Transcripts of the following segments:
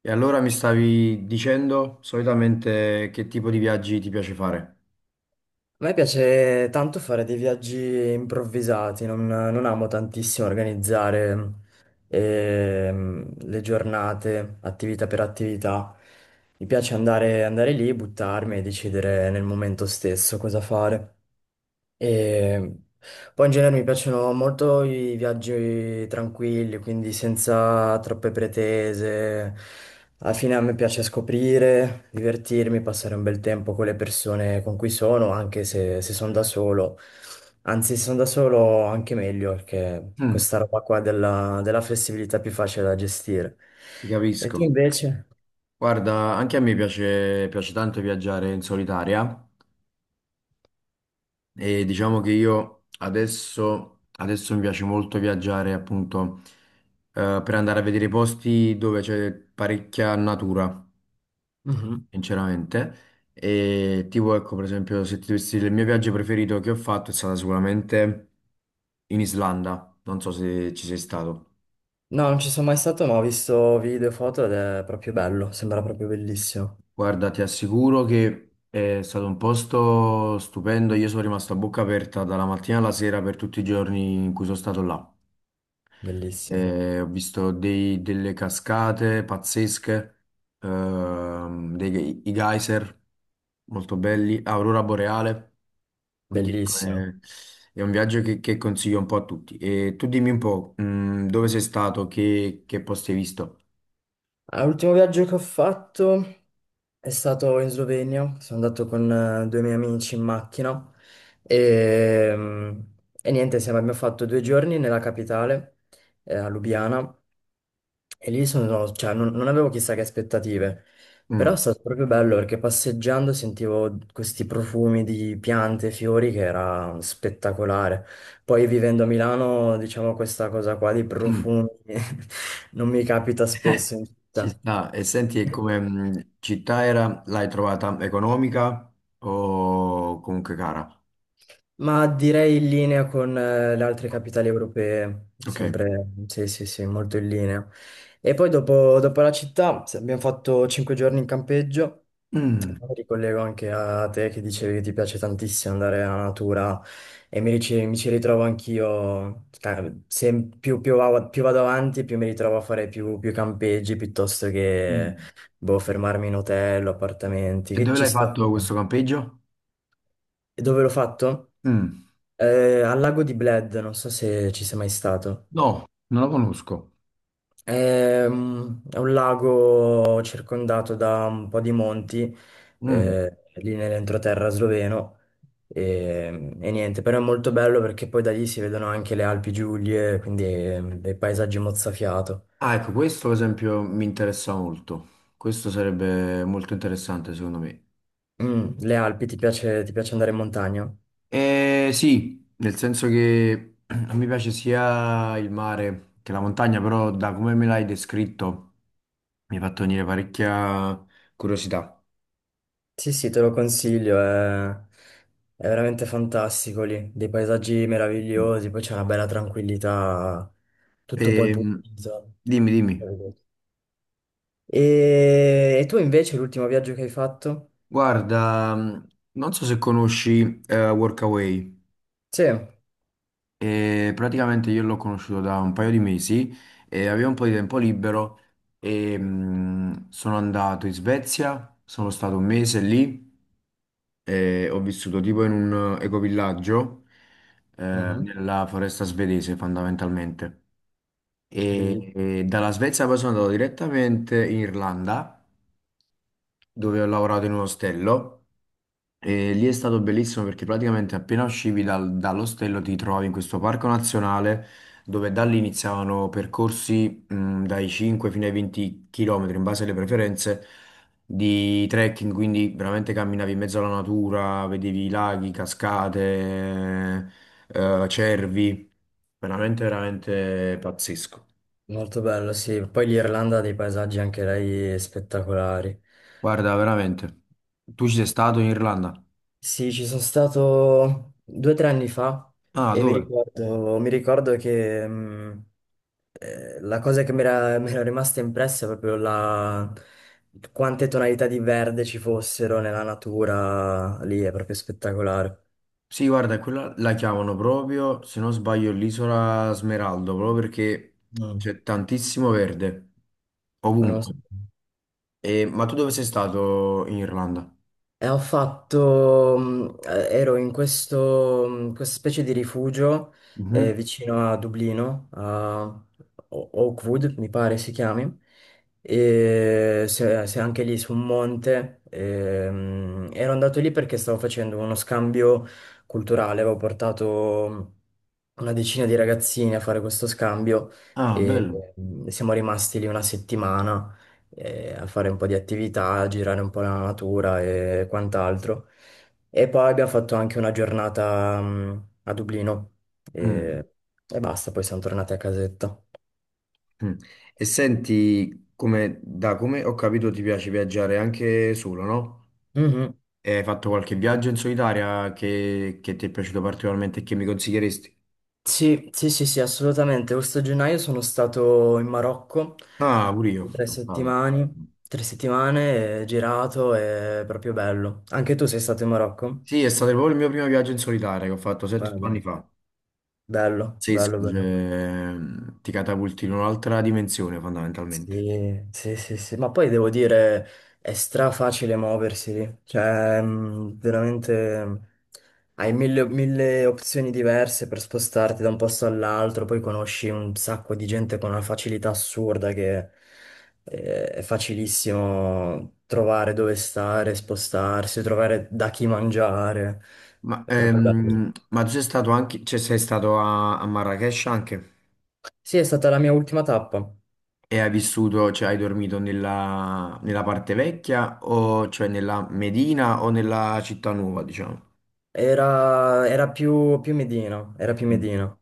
E allora mi stavi dicendo solitamente che tipo di viaggi ti piace fare? A me piace tanto fare dei viaggi improvvisati, non amo tantissimo organizzare le giornate, attività per attività. Mi piace andare lì, buttarmi e decidere nel momento stesso cosa fare. E poi in genere mi piacciono molto i viaggi tranquilli, quindi senza troppe pretese. Alla fine a me piace scoprire, divertirmi, passare un bel tempo con le persone con cui sono, anche se sono da solo. Anzi, se sono da solo anche meglio, perché Mm, questa roba qua della flessibilità è più facile da gestire. ti E capisco. tu invece? Guarda, anche a me piace, piace tanto viaggiare in solitaria e diciamo che io adesso mi piace molto viaggiare appunto per andare a vedere posti dove c'è parecchia natura, Mhm. sinceramente. E tipo, ecco, per esempio, se ti dovessi dire il mio viaggio preferito che ho fatto è stato sicuramente in Islanda. Non so se ci sei stato. No, non ci sono mai stato, ma ho visto video e foto ed è proprio bello, sembra proprio bellissimo. Guarda, ti assicuro che è stato un posto stupendo. Io sono rimasto a bocca aperta dalla mattina alla sera per tutti i giorni in cui sono stato là. Bellissimo. Ho visto delle cascate pazzesche, dei, i geyser molto belli, Aurora Boreale. Quindi ecco, Bellissimo. È un viaggio che consiglio un po' a tutti. E tu dimmi un po', dove sei stato, che posti hai visto? Ah, l'ultimo viaggio che ho fatto è stato in Slovenia. Sono andato con due miei amici in macchina e, mm, e niente, abbiamo fatto due giorni nella capitale, a Lubiana. E lì cioè, non avevo chissà che aspettative, però è stato proprio bello perché passeggiando sentivo questi profumi di piante e fiori che era spettacolare. Poi vivendo a Milano, diciamo, questa cosa qua di Mm. profumi non mi capita spesso in città. Ah, e senti, e come città era, l'hai trovata economica o comunque cara? Ma direi in linea con le altre capitali europee, Ok. sempre, sì, sì, sì, molto in linea. E poi dopo la città abbiamo fatto 5 giorni in campeggio. Mm. Mi ricollego anche a te che dicevi che ti piace tantissimo andare alla natura e mi ci ritrovo anch'io, più vado avanti più mi ritrovo a fare più campeggi piuttosto che Mm. boh, fermarmi in hotel o appartamenti, E che dove ci l'hai sta. fatto questo campeggio? E dove l'ho fatto? Mm. Al lago di Bled, non so se ci sei mai stato. No, non lo conosco. È un lago circondato da un po' di monti, Mm. Lì nell'entroterra sloveno. E niente, però è molto bello perché poi da lì si vedono anche le Alpi Giulie, quindi dei paesaggi mozzafiato. ah, ecco, questo ad esempio mi interessa molto. Questo sarebbe molto interessante secondo me. Le Alpi, ti piace andare in montagna? Sì, nel senso che a me piace sia il mare che la montagna, però da come me l'hai descritto mi hai fatto venire parecchia curiosità. Sì, sì, te lo consiglio, è veramente fantastico lì, dei paesaggi meravigliosi, poi c'è una bella tranquillità, tutto poi Ehm, pulito. Dimmi. E tu invece l'ultimo viaggio che hai fatto? Guarda, non so se conosci Workaway. Sì. Praticamente io l'ho conosciuto da un paio di mesi e avevo un po' di tempo libero e sono andato in Svezia, sono stato un mese lì e ho vissuto tipo in un ecovillaggio Mhm. nella foresta svedese fondamentalmente. E, Bellissimo. e dalla Svezia poi sono andato direttamente in Irlanda dove ho lavorato in un ostello. E lì è stato bellissimo perché praticamente appena uscivi dall'ostello ti trovavi in questo parco nazionale dove da lì iniziavano percorsi dai 5 fino ai 20 km in base alle preferenze di trekking, quindi veramente camminavi in mezzo alla natura, vedevi laghi, cascate, cervi, veramente pazzesco. Molto bello, sì. Poi l'Irlanda ha dei paesaggi anche lei spettacolari. Guarda, veramente. Tu ci sei stato in Irlanda? Sì, ci sono stato due o tre anni fa Ah, e mi dove? ricordo, mi ricordo che la cosa che mi era rimasta impressa è proprio quante tonalità di verde ci fossero nella natura lì, è proprio spettacolare. Sì, guarda, quella la chiamano proprio, se non sbaglio, l'isola Smeraldo, proprio perché Mm. c'è tantissimo verde, Non lo so. ovunque. Ma tu dove sei stato in Irlanda? E ero in questa specie di rifugio Mhm. vicino a Dublino, a Oakwood mi pare si chiami, e se anche lì su un monte. E, ero andato lì perché stavo facendo uno scambio culturale, avevo portato una decina di ragazzini a fare questo scambio Ah, e bello. Siamo rimasti lì una settimana a fare un po' di attività, a girare un po' la natura e quant'altro. E poi abbiamo fatto anche una giornata, a Dublino Mm, e, e basta, poi siamo tornati a casetta. mm. E senti, come, da come ho capito ti piace viaggiare anche solo, no? Mhm. E hai fatto qualche viaggio in solitaria che ti è piaciuto particolarmente e che mi consiglieresti? Sì, sì, sì, sì, assolutamente. Questo gennaio sono stato in Marocco Ah, pure io tre sono stato. settimane, tre settimane, girato, è proprio bello. Anche tu sei stato in Marocco? Sì, è stato proprio il mio primo viaggio in solitaria che ho fatto 7-8 anni Vabbè, fa. bello, Sì, bello, scusa, bello. Ti catapulti in un'altra dimensione fondamentalmente. Sì, sì, sì, sì, ma poi devo dire, è stra facile muoversi lì, cioè veramente hai mille, mille opzioni diverse per spostarti da un posto all'altro, poi conosci un sacco di gente con una facilità assurda che è facilissimo trovare dove stare, spostarsi, trovare da chi mangiare, Ma è certo. proprio bello. Ma tu sei stato anche, cioè sei stato a, a Marrakech anche Sì, è stata la mia ultima tappa, e hai vissuto, cioè hai dormito nella, nella parte vecchia o cioè nella Medina o nella città nuova, diciamo? era più Medina, era più Mm. Medina,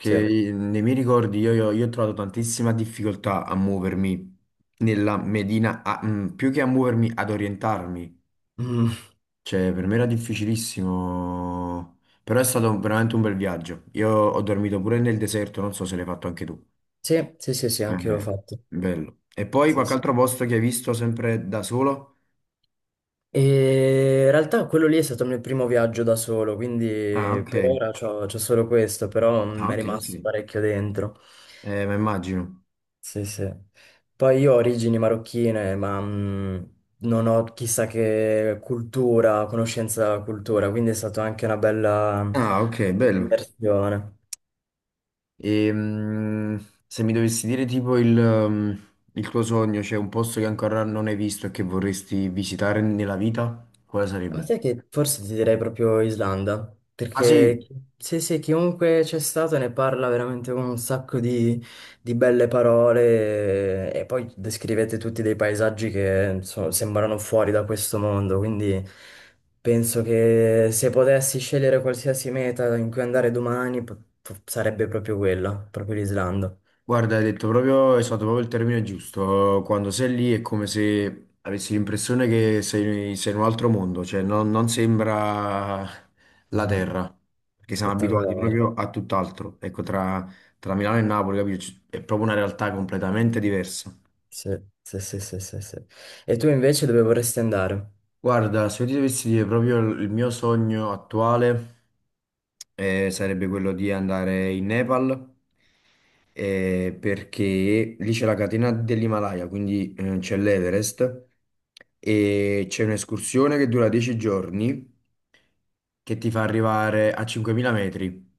sì. nei miei ricordi io ho trovato tantissima difficoltà a muovermi nella Medina, più che a muovermi, ad orientarmi. Mm. Cioè, per me era difficilissimo, però è stato veramente un bel viaggio. Io ho dormito pure nel deserto, non so se l'hai fatto anche tu. Sì, sì, sì, sì, anche io l'ho Eh, fatto. bello. E poi Sì, qualche sì. altro posto che hai visto sempre da solo? E in realtà quello lì è stato il mio primo viaggio da solo, quindi Ah, ok. per ora c'ho solo questo, però Ah, mi è ok, ok. rimasto parecchio dentro. Ma immagino. Sì, sì. Poi io ho origini marocchine, ma non ho chissà che cultura, conoscenza della cultura, quindi è stata anche una bella Ah, ok, bello. immersione. E, mm, se mi dovessi dire tipo il, mm, il tuo sogno, c'è un posto che ancora non hai visto e che vorresti visitare nella vita, quale Ma sarebbe? sai che forse ti direi proprio Islanda, Ah sì, perché sì, sì, chiunque c'è stato ne parla veramente con un sacco di belle parole e poi descrivete tutti dei paesaggi che insomma, sembrano fuori da questo mondo, quindi penso che se potessi scegliere qualsiasi meta in cui andare domani sarebbe proprio quella, proprio l'Islanda. guarda, hai detto proprio, esatto, proprio il termine giusto. Quando sei lì è come se avessi l'impressione che sei, sei in un altro mondo, cioè non, non sembra la Mm, terra, perché siamo abituati Spettacolare. proprio a tutt'altro. Ecco, tra, tra Milano e Napoli, capito? È proprio una realtà completamente diversa. Sì, sì, sì, sì, sì, sì. E tu invece dove vorresti andare? Guarda, se io ti dovessi dire proprio il mio sogno attuale, sarebbe quello di andare in Nepal perché lì c'è la catena dell'Himalaya, quindi c'è l'Everest e c'è un'escursione che dura 10 giorni che ti fa arrivare a 5000 metri.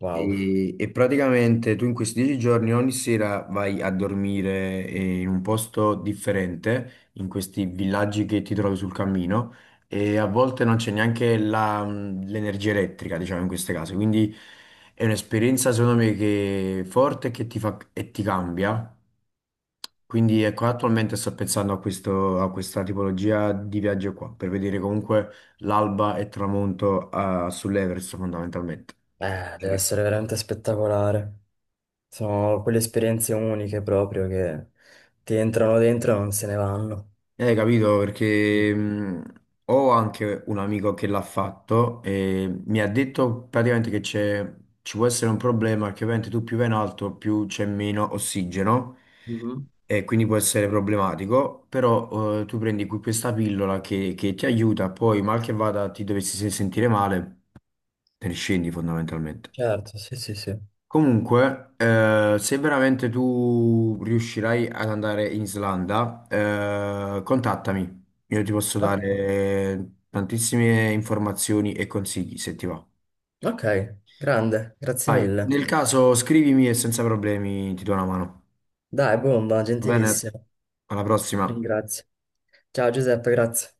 Wow. E praticamente tu in questi dieci giorni ogni sera vai a dormire in un posto differente, in questi villaggi che ti trovi sul cammino, e a volte non c'è neanche l'energia elettrica, diciamo, in queste case. Quindi è un'esperienza, secondo me, che è forte e che ti fa, e ti cambia. Quindi ecco, attualmente sto pensando a questo, a questa tipologia di viaggio qua, per vedere comunque l'alba e il tramonto sull'Everest fondamentalmente. Deve essere veramente spettacolare. Sono quelle esperienze uniche proprio che ti entrano dentro e non se ne vanno. Capito, perché ho anche un amico che l'ha fatto e mi ha detto praticamente che c'è, ci può essere un problema, che ovviamente tu più vai in alto più c'è meno ossigeno Mhm. e quindi può essere problematico, però tu prendi qui questa pillola che ti aiuta, poi mal che vada ti dovessi sentire male, te ne scendi fondamentalmente. Certo, sì, sì, sì. Comunque, se veramente tu riuscirai ad andare in Islanda, contattami. Io ti posso Ok, dare tantissime informazioni e consigli se ti va. ok, grande, grazie Vai, mille. nel caso scrivimi e senza problemi ti do una mano. Dai, bomba, Va bene? gentilissimo. Alla prossima. Ringrazio. Ciao Giuseppe, grazie.